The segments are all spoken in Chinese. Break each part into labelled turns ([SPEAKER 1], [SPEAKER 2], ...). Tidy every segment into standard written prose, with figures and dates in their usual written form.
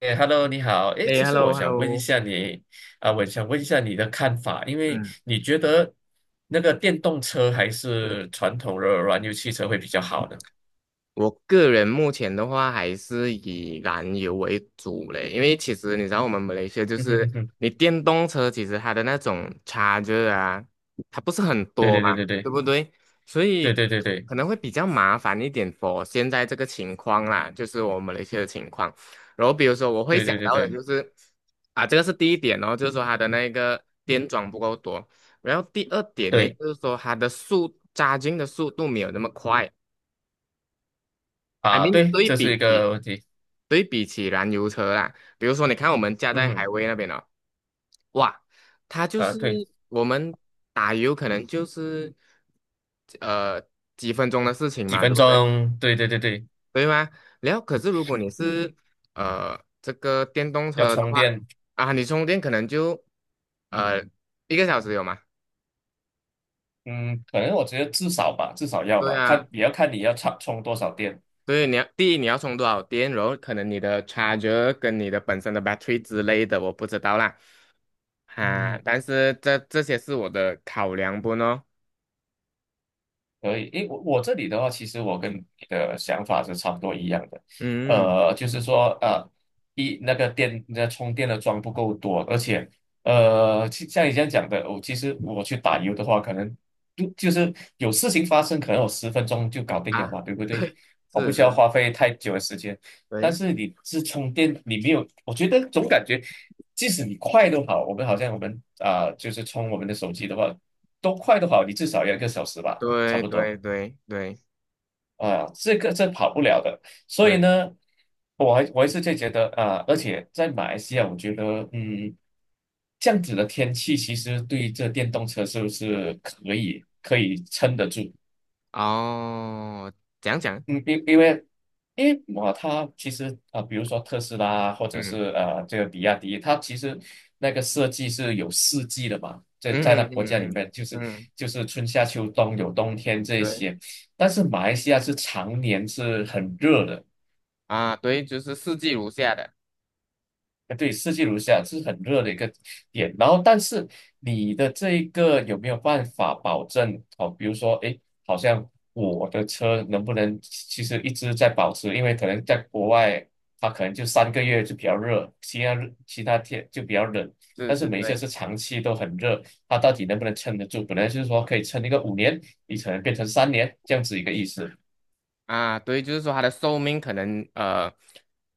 [SPEAKER 1] 哎，Hello，你好。哎，
[SPEAKER 2] 哎
[SPEAKER 1] 其实我
[SPEAKER 2] ，hello
[SPEAKER 1] 想问一
[SPEAKER 2] hello。
[SPEAKER 1] 下你，我想问一下你的看法，因为
[SPEAKER 2] 嗯。
[SPEAKER 1] 你觉得那个电动车还
[SPEAKER 2] 嗯是。
[SPEAKER 1] 是传统的燃油汽车会比较好呢？
[SPEAKER 2] 我个人目前的话还是以燃油为主嘞，因为其实你知道我们马来西亚 就
[SPEAKER 1] 嗯哼
[SPEAKER 2] 是
[SPEAKER 1] 哼哼，
[SPEAKER 2] 你电动车其实它的那种差 h 啊，它不是很
[SPEAKER 1] 对
[SPEAKER 2] 多
[SPEAKER 1] 对
[SPEAKER 2] 嘛，
[SPEAKER 1] 对对
[SPEAKER 2] 对
[SPEAKER 1] 对
[SPEAKER 2] 不对？所
[SPEAKER 1] 对
[SPEAKER 2] 以
[SPEAKER 1] 对对对
[SPEAKER 2] 可能会比较麻烦一点 for 现在这个情况啦，就是我们马来西亚的情况。然后比如说我会
[SPEAKER 1] 对
[SPEAKER 2] 想
[SPEAKER 1] 对对
[SPEAKER 2] 到的
[SPEAKER 1] 对
[SPEAKER 2] 就是啊，这个是第一点哦，就是说它的那个电桩不够多。然后第二点呢，
[SPEAKER 1] 对
[SPEAKER 2] 就是说它的速加 h 的速度没有那么快。I
[SPEAKER 1] 啊，
[SPEAKER 2] mean，
[SPEAKER 1] 对，
[SPEAKER 2] 对
[SPEAKER 1] 这是
[SPEAKER 2] 比
[SPEAKER 1] 一
[SPEAKER 2] 起
[SPEAKER 1] 个问题。
[SPEAKER 2] 对比起燃油车啦，比如说你看我们家
[SPEAKER 1] 嗯
[SPEAKER 2] 在海
[SPEAKER 1] 哼，
[SPEAKER 2] 威那边哦。哇。它就
[SPEAKER 1] 啊，
[SPEAKER 2] 是
[SPEAKER 1] 对，
[SPEAKER 2] 我们打油可能就是呃几分钟的事情
[SPEAKER 1] 几
[SPEAKER 2] 嘛，对
[SPEAKER 1] 分
[SPEAKER 2] 不对？
[SPEAKER 1] 钟，对对对对，
[SPEAKER 2] 对吗？然后可是如果你是这个电动
[SPEAKER 1] 要
[SPEAKER 2] 车的
[SPEAKER 1] 充
[SPEAKER 2] 话，
[SPEAKER 1] 电，
[SPEAKER 2] 啊，你充电可能就呃1个小时有吗？
[SPEAKER 1] 嗯，可能我觉得至少吧，至少要
[SPEAKER 2] 对
[SPEAKER 1] 吧，
[SPEAKER 2] 啊。
[SPEAKER 1] 看也要看你要充充多少电。
[SPEAKER 2] 对，第一你要充多少电，然后可能你的 charger 跟你的本身的 battery 之类的，我不知道啦。
[SPEAKER 1] 嗯
[SPEAKER 2] 啊，
[SPEAKER 1] 哼。
[SPEAKER 2] 但是这些是我的考量不呢？
[SPEAKER 1] 可以，诶，我这里的话，其实我跟你的想法是差不多一样的，
[SPEAKER 2] 嗯。
[SPEAKER 1] 就是说，一那个电那充电的桩不够多，而且，像你这样讲的，我其实去打油的话，可能就是有事情发生，可能我10分钟就搞定了
[SPEAKER 2] 啊，
[SPEAKER 1] 嘛，对不对？
[SPEAKER 2] 对。
[SPEAKER 1] 我不
[SPEAKER 2] 是
[SPEAKER 1] 需要
[SPEAKER 2] 是。
[SPEAKER 1] 花费太久的时间，但
[SPEAKER 2] 对
[SPEAKER 1] 是你是充电，你没有，我觉得总感觉，即使你快都好，我们就是充我们的手机的话，都快都好，你至少要一个小时吧。差
[SPEAKER 2] 对
[SPEAKER 1] 不多
[SPEAKER 2] 对对对
[SPEAKER 1] 啊，这跑不了的。所以
[SPEAKER 2] 对。
[SPEAKER 1] 呢，我还是就觉得啊，而且在马来西亚，我觉得这样子的天气其实对这电动车是不是可以撑得住？
[SPEAKER 2] 哦。讲讲。
[SPEAKER 1] 嗯，因因为因为它其实比如说特斯拉或者
[SPEAKER 2] 嗯
[SPEAKER 1] 是这个比亚迪，它其实那个设计是有四季的嘛，在
[SPEAKER 2] 嗯
[SPEAKER 1] 那
[SPEAKER 2] 嗯嗯
[SPEAKER 1] 国家
[SPEAKER 2] 嗯。嗯嗯
[SPEAKER 1] 里
[SPEAKER 2] 嗯
[SPEAKER 1] 面就是
[SPEAKER 2] 嗯嗯。
[SPEAKER 1] 就是春夏秋冬有冬天这
[SPEAKER 2] 对
[SPEAKER 1] 些，但是马来西亚是常年是很热的，
[SPEAKER 2] 啊。对，就是四季如下的。
[SPEAKER 1] 对，四季如夏是很热的一个点。然后，但是你的这一个有没有办法保证？哦，比如说，诶，好像我的车能不能其实一直在保持？因为可能在国外，它可能就3个月就比较热，其他天就比较冷。
[SPEAKER 2] 是
[SPEAKER 1] 但是
[SPEAKER 2] 是。
[SPEAKER 1] 每一次
[SPEAKER 2] 对
[SPEAKER 1] 是长期都很热，它到底能不能撑得住？本来就是说可以撑一个5年，你可能变成三年这样子一个意思。
[SPEAKER 2] 啊。对，就是说它的寿命可能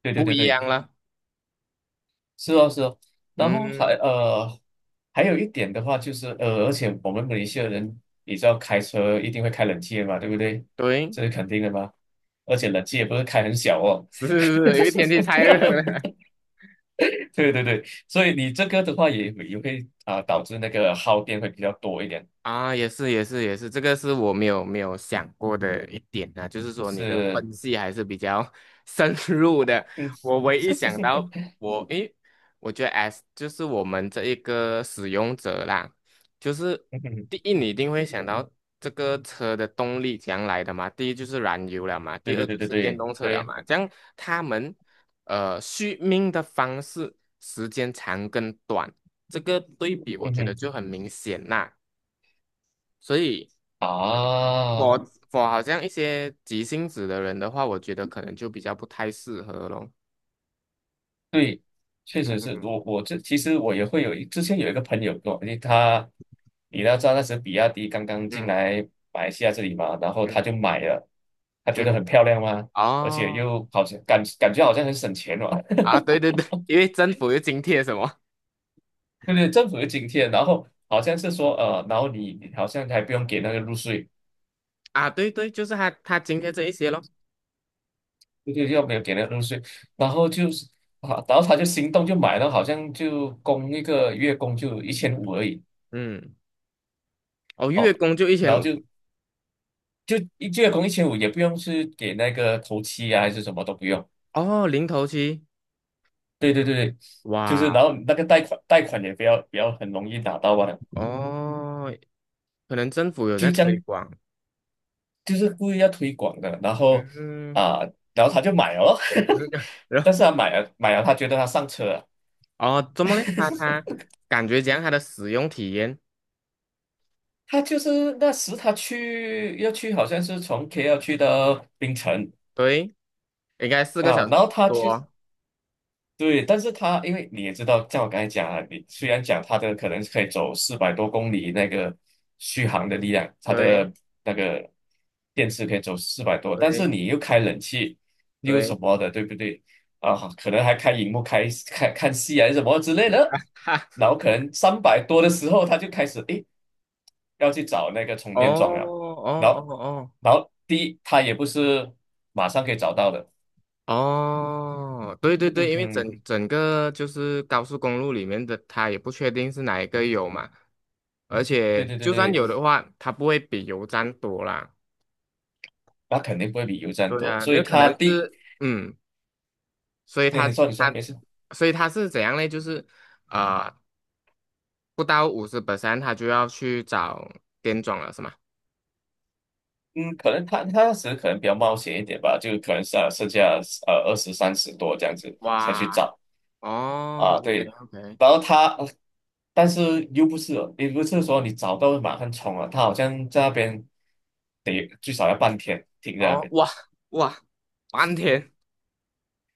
[SPEAKER 1] 对对
[SPEAKER 2] 不
[SPEAKER 1] 对
[SPEAKER 2] 一
[SPEAKER 1] 对。
[SPEAKER 2] 样了。
[SPEAKER 1] 是哦，是哦，然后还
[SPEAKER 2] 嗯。
[SPEAKER 1] 呃，还有一点的话就是，而且我们马来西亚人，你知道开车一定会开冷气的嘛，对不对？
[SPEAKER 2] 对。
[SPEAKER 1] 这是肯定的嘛。而且冷气也不是开很小哦。
[SPEAKER 2] 是是是，因为天气太热了。
[SPEAKER 1] 对对对，所以你这个的话也会导致那个耗电会比较多一点。
[SPEAKER 2] 啊，也是也是也是，这个是我没有想过的一点啊，就是说你的
[SPEAKER 1] 是，
[SPEAKER 2] 分析还是比较 深入的。
[SPEAKER 1] 嗯，
[SPEAKER 2] 我唯一想到 我诶，我觉得 S 就是我们这一个使用者啦，就是
[SPEAKER 1] 嗯哼
[SPEAKER 2] 第一你一定会想到这个车的动力将来的嘛，第一就是燃油了嘛，
[SPEAKER 1] 对
[SPEAKER 2] 第二
[SPEAKER 1] 对对
[SPEAKER 2] 就
[SPEAKER 1] 对
[SPEAKER 2] 是电
[SPEAKER 1] 对
[SPEAKER 2] 动车了
[SPEAKER 1] 对，
[SPEAKER 2] 嘛，这样他们续命的方式时间长跟短，这个对比我
[SPEAKER 1] 嗯
[SPEAKER 2] 觉得
[SPEAKER 1] 哼
[SPEAKER 2] 就很明显啦。所以嗯，我
[SPEAKER 1] 啊。
[SPEAKER 2] 我好像一些急性子的人的话，我觉得可能就比较不太适合咯。
[SPEAKER 1] 对，确实是我这其实我也会之前有一个朋友跟我，因为你要知道那时比亚迪刚刚进
[SPEAKER 2] 嗯
[SPEAKER 1] 来马来西亚这里嘛，然后他
[SPEAKER 2] 嗯
[SPEAKER 1] 就买了，他觉得
[SPEAKER 2] 嗯。
[SPEAKER 1] 很漂亮嘛，而且
[SPEAKER 2] 哦。
[SPEAKER 1] 又好像感觉好像很省钱嘛，
[SPEAKER 2] 啊，对对对。因为政府又津贴什么。
[SPEAKER 1] 对对，政府有津贴，然后好像是说，然后你好像还不用给那个入税，
[SPEAKER 2] 啊？对对，就是他津贴这一些咯。
[SPEAKER 1] 对对，又没有给那个入税，然后就是啊，然后他就心动就买了，好像就供一个月供就一千五而已。
[SPEAKER 2] 嗯。哦，月
[SPEAKER 1] 哦。
[SPEAKER 2] 供就一千
[SPEAKER 1] 然后
[SPEAKER 2] 五，
[SPEAKER 1] 就一月工一千五，也不用是给那个头期啊，还是什么都不用。
[SPEAKER 2] 哦，零头期。
[SPEAKER 1] 对对对对，就是然
[SPEAKER 2] 哇。
[SPEAKER 1] 后那个贷款也不要很容易拿到啊，
[SPEAKER 2] 哦，可能政府有在
[SPEAKER 1] 就这
[SPEAKER 2] 推
[SPEAKER 1] 样，
[SPEAKER 2] 广。
[SPEAKER 1] 就是故意要推广的。然后
[SPEAKER 2] 嗯。
[SPEAKER 1] 啊、他就买了咯
[SPEAKER 2] 嗯。然后
[SPEAKER 1] 但是他买了买了，他觉得他上车了。
[SPEAKER 2] 哦，怎么嘞？他感觉讲他的使用体验。
[SPEAKER 1] 他就是那时他要去，好像是从 KL 去到槟城
[SPEAKER 2] 对，应该四个
[SPEAKER 1] 啊，
[SPEAKER 2] 小
[SPEAKER 1] 然
[SPEAKER 2] 时
[SPEAKER 1] 后他去。
[SPEAKER 2] 多。
[SPEAKER 1] 对，但是它因为你也知道，像我刚才讲啊，你虽然讲它的可能是可以走400多公里那个续航的力量，它
[SPEAKER 2] 对。
[SPEAKER 1] 的那个电池可以走四百多，但是
[SPEAKER 2] 对
[SPEAKER 1] 你又开冷气又什
[SPEAKER 2] 对。
[SPEAKER 1] 么的，对不对？啊，可能还开荧幕开看看戏啊什么之类的，
[SPEAKER 2] 哈。
[SPEAKER 1] 然后可能300多的时候，他就开始诶要去找那个充
[SPEAKER 2] 哦
[SPEAKER 1] 电桩了，然
[SPEAKER 2] 哦
[SPEAKER 1] 后
[SPEAKER 2] 哦
[SPEAKER 1] 然后第一它也不是马上可以找到的，
[SPEAKER 2] 哦哦。对对
[SPEAKER 1] 嗯
[SPEAKER 2] 对，因为
[SPEAKER 1] 嗯。
[SPEAKER 2] 整整个就是高速公路里面的，它也不确定是哪一个有嘛，而且
[SPEAKER 1] 对对对
[SPEAKER 2] 就算
[SPEAKER 1] 对，
[SPEAKER 2] 有的话，它不会比油站多啦。
[SPEAKER 1] 那肯定不会比油站
[SPEAKER 2] 对
[SPEAKER 1] 多，
[SPEAKER 2] 呀，因
[SPEAKER 1] 所以
[SPEAKER 2] 为可
[SPEAKER 1] 他
[SPEAKER 2] 能
[SPEAKER 1] 第，
[SPEAKER 2] 是所以
[SPEAKER 1] 那
[SPEAKER 2] 它
[SPEAKER 1] 你说
[SPEAKER 2] 它
[SPEAKER 1] 没事，
[SPEAKER 2] 所以它是怎样呢？就是啊不到50%，它就要去找店装了，是吗？
[SPEAKER 1] 嗯，可能他那时可能比较冒险一点吧，就可能是啊剩下20、30多这样子才去
[SPEAKER 2] 哇。
[SPEAKER 1] 找
[SPEAKER 2] 哦
[SPEAKER 1] 啊，
[SPEAKER 2] ，OK
[SPEAKER 1] 对，
[SPEAKER 2] OK。
[SPEAKER 1] 然后他，但是又不是哦也不是说你找到马上冲啊，他好像在那边得最少要半天停在那
[SPEAKER 2] 哦。
[SPEAKER 1] 边，
[SPEAKER 2] 哇哇。半天。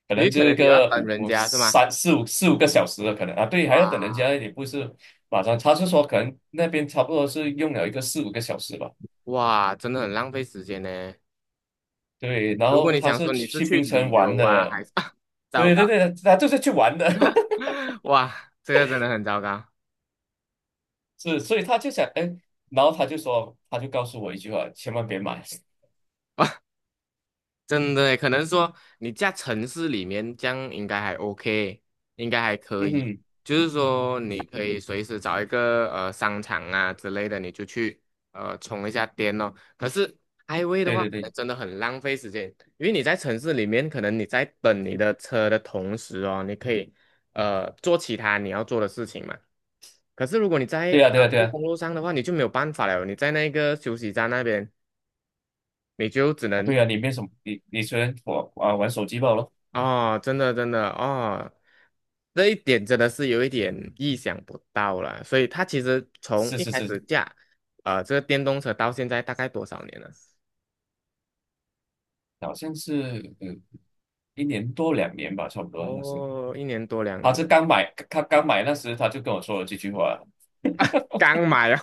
[SPEAKER 1] 可
[SPEAKER 2] 因
[SPEAKER 1] 能
[SPEAKER 2] 为
[SPEAKER 1] 就
[SPEAKER 2] 可
[SPEAKER 1] 一
[SPEAKER 2] 能你要
[SPEAKER 1] 个
[SPEAKER 2] 等
[SPEAKER 1] 五
[SPEAKER 2] 人
[SPEAKER 1] 五
[SPEAKER 2] 家是吗？
[SPEAKER 1] 三四五四五个小时的可能啊，对，还要等人家
[SPEAKER 2] 哇。
[SPEAKER 1] 也不是马上，他是说可能那边差不多是用了一个四五个小时吧。
[SPEAKER 2] 哇，真的很浪费时间呢。
[SPEAKER 1] 对，然
[SPEAKER 2] 如果
[SPEAKER 1] 后
[SPEAKER 2] 你
[SPEAKER 1] 他
[SPEAKER 2] 想
[SPEAKER 1] 是
[SPEAKER 2] 说你是
[SPEAKER 1] 去
[SPEAKER 2] 去
[SPEAKER 1] 槟城
[SPEAKER 2] 旅
[SPEAKER 1] 玩
[SPEAKER 2] 游啊，
[SPEAKER 1] 的，
[SPEAKER 2] 还是 糟
[SPEAKER 1] 对对
[SPEAKER 2] 糕。
[SPEAKER 1] 对，他就是去玩的，
[SPEAKER 2] 哇，这个真的很糟糕。
[SPEAKER 1] 是，所以他就想，哎，然后他就说，他就告诉我一句话，千万别买。
[SPEAKER 2] 真的耶可能说你在城市里面这样应该还 OK，应该还可
[SPEAKER 1] 嗯
[SPEAKER 2] 以。
[SPEAKER 1] 哼，
[SPEAKER 2] 就是说你可以随时找一个商场啊之类的，你就去充一下电哦。可是 IGWAY 的
[SPEAKER 1] 对
[SPEAKER 2] 话，
[SPEAKER 1] 对
[SPEAKER 2] 可
[SPEAKER 1] 对，
[SPEAKER 2] 能真的很浪费时间，因为你在城市里面，可能你在等你的车的同时哦，你可以做其他你要做的事情嘛。可是如果你在
[SPEAKER 1] 对呀、对
[SPEAKER 2] 高
[SPEAKER 1] 呀、对
[SPEAKER 2] 速
[SPEAKER 1] 啊，
[SPEAKER 2] 公路上的话，你就没有办法了，你在那个休息站那边，你就只
[SPEAKER 1] 哦
[SPEAKER 2] 能
[SPEAKER 1] 对啊，你没什么，你虽然我啊玩手机罢了，
[SPEAKER 2] 哦。真的真的哦。这一点真的是有一点意想不到了。所以它其实从
[SPEAKER 1] 是
[SPEAKER 2] 一
[SPEAKER 1] 是
[SPEAKER 2] 开
[SPEAKER 1] 是，
[SPEAKER 2] 始架，这个电动车到现在大概多少年了？
[SPEAKER 1] 好像是1年多2年吧，差不多，他是
[SPEAKER 2] 哦，一年多两
[SPEAKER 1] 他是
[SPEAKER 2] 年，
[SPEAKER 1] 刚买，他刚买那时他就跟我说了这句话，
[SPEAKER 2] 刚买哦。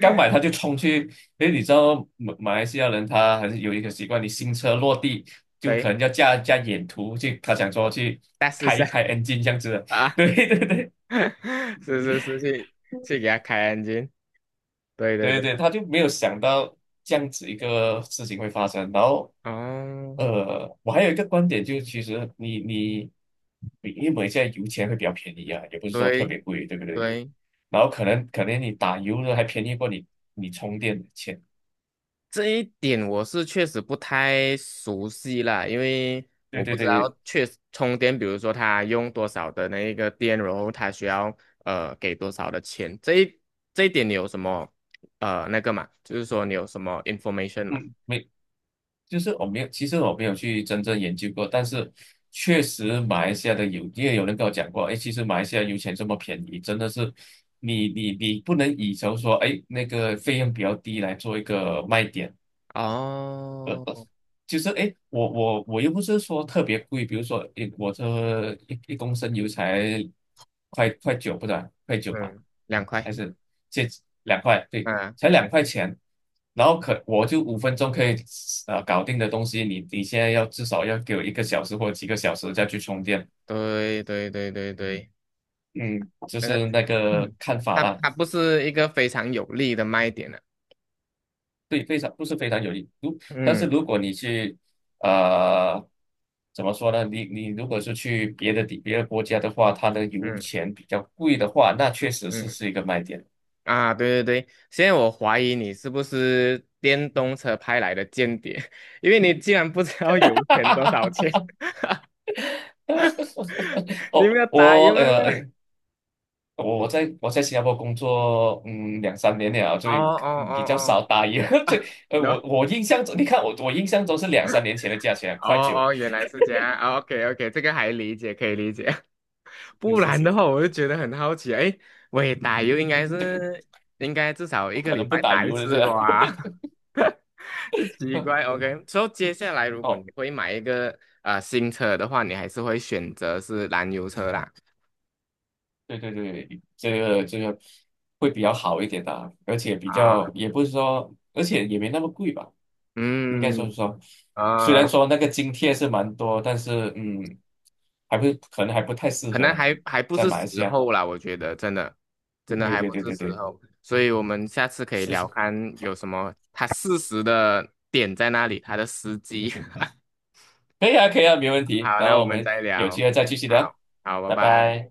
[SPEAKER 1] 刚买他就冲去，因为你知道马来西亚人他还是有一个习惯，你新车落地就可
[SPEAKER 2] 对。
[SPEAKER 1] 能要架架眼图去，他想说去
[SPEAKER 2] 再试一
[SPEAKER 1] 开
[SPEAKER 2] 下
[SPEAKER 1] 一开 engine 这样子的，
[SPEAKER 2] 啊。
[SPEAKER 1] 对对对
[SPEAKER 2] 是是是，去给它开 对对
[SPEAKER 1] 对
[SPEAKER 2] 对。
[SPEAKER 1] 对，他就没有想到这样子一个事情会发生。然后，
[SPEAKER 2] 哦。
[SPEAKER 1] 我还有一个观点就是，其实你因为现在油钱会比较便宜啊，也不是说特
[SPEAKER 2] 对
[SPEAKER 1] 别贵，对不对？
[SPEAKER 2] 对。
[SPEAKER 1] 然后可能你打油的还便宜过你充电的钱，
[SPEAKER 2] 这一点我是确实不太熟悉啦，因为
[SPEAKER 1] 对
[SPEAKER 2] 我
[SPEAKER 1] 对
[SPEAKER 2] 不嗯知
[SPEAKER 1] 对对，
[SPEAKER 2] 道确实充电，比如说它用多少的那一个电，然后它需要给多少的钱，这一点你有什么那个嘛？就是说你有什么 information 嘛？
[SPEAKER 1] 嗯，没就是我没有，其实我没有去真正研究过，但是确实马来西亚的有，因为有人跟我讲过，哎，其实马来西亚油钱这么便宜，真的是你不能以求说，哎，那个费用比较低来做一个卖点。
[SPEAKER 2] 哦。
[SPEAKER 1] 就是哎，诶我又不是说特别贵，比如说我这一公升油才快九不对，快九吧，
[SPEAKER 2] 嗯。2块。
[SPEAKER 1] 还是这两块，对，
[SPEAKER 2] 啊。
[SPEAKER 1] 才2块钱，然后可我就5分钟可以搞定的东西，你现在要至少要给我一个小时或者几个小时再去充电，
[SPEAKER 2] 对对对对对。
[SPEAKER 1] 嗯，就
[SPEAKER 2] 那个
[SPEAKER 1] 是那个看法
[SPEAKER 2] 它
[SPEAKER 1] 啦。
[SPEAKER 2] 它不是一个非常有利的卖点啊。
[SPEAKER 1] 对，非常都是非常有利。但是
[SPEAKER 2] 嗯
[SPEAKER 1] 如果你去，呃，怎么说呢？你如果是去别的国家的话，它的油
[SPEAKER 2] 嗯
[SPEAKER 1] 钱比较贵的话，那确实是
[SPEAKER 2] 嗯。
[SPEAKER 1] 是一个卖点。
[SPEAKER 2] 啊，对对对，现在我怀疑你是不是电动车派来的间谍。因为你竟然不知道油钱多少 钱。你们
[SPEAKER 1] 哦，
[SPEAKER 2] 要打油了吗？
[SPEAKER 1] 我在新加坡工作，两三年了，
[SPEAKER 2] 哦
[SPEAKER 1] 所以
[SPEAKER 2] 哦哦
[SPEAKER 1] 比较少
[SPEAKER 2] 哦
[SPEAKER 1] 打油。我
[SPEAKER 2] ，no。
[SPEAKER 1] 我印象中，你看我印象中是2、3年前的价钱，快
[SPEAKER 2] 哦
[SPEAKER 1] 九，
[SPEAKER 2] 哦，原来是这样，OK OK，这个还理解，可以理解。
[SPEAKER 1] 是
[SPEAKER 2] 不
[SPEAKER 1] 是
[SPEAKER 2] 然的
[SPEAKER 1] 是，
[SPEAKER 2] 话，我就觉得很好奇啊，哎，喂，打油应该至少
[SPEAKER 1] 不
[SPEAKER 2] 一个
[SPEAKER 1] 可
[SPEAKER 2] 礼
[SPEAKER 1] 能不
[SPEAKER 2] 拜
[SPEAKER 1] 打
[SPEAKER 2] 打一
[SPEAKER 1] 油的是
[SPEAKER 2] 次
[SPEAKER 1] 吧？
[SPEAKER 2] 吧？这奇怪 ，OK。所以接下来如果你
[SPEAKER 1] 哦
[SPEAKER 2] 会买一个新车的话，你还是会选择是燃油车啦。
[SPEAKER 1] 对对对，这个会比较好一点的啊而且比
[SPEAKER 2] 啊。
[SPEAKER 1] 较也不是说，而且也没那么贵吧，应该说
[SPEAKER 2] 嗯。
[SPEAKER 1] 是说，虽然
[SPEAKER 2] 啊，
[SPEAKER 1] 说那个津贴是蛮多，但是还不可能还不太适
[SPEAKER 2] 可
[SPEAKER 1] 合
[SPEAKER 2] 能
[SPEAKER 1] 了，
[SPEAKER 2] 还不
[SPEAKER 1] 在
[SPEAKER 2] 是
[SPEAKER 1] 马来西
[SPEAKER 2] 时
[SPEAKER 1] 亚。
[SPEAKER 2] 候啦，我觉得真的。真的
[SPEAKER 1] 对
[SPEAKER 2] 还嗯
[SPEAKER 1] 对
[SPEAKER 2] 不
[SPEAKER 1] 对
[SPEAKER 2] 是
[SPEAKER 1] 对
[SPEAKER 2] 时
[SPEAKER 1] 对，
[SPEAKER 2] 候，所以我们下次可以
[SPEAKER 1] 是
[SPEAKER 2] 聊
[SPEAKER 1] 是，
[SPEAKER 2] 看有什么他适时的点在那里，他的时机。
[SPEAKER 1] 可以啊可以啊，没问 题。
[SPEAKER 2] 好，
[SPEAKER 1] 然
[SPEAKER 2] 那
[SPEAKER 1] 后
[SPEAKER 2] 我
[SPEAKER 1] 我
[SPEAKER 2] 们
[SPEAKER 1] 们
[SPEAKER 2] 再
[SPEAKER 1] 有机
[SPEAKER 2] 聊。
[SPEAKER 1] 会再继续聊，
[SPEAKER 2] 好。好，拜
[SPEAKER 1] 拜
[SPEAKER 2] 拜。
[SPEAKER 1] 拜。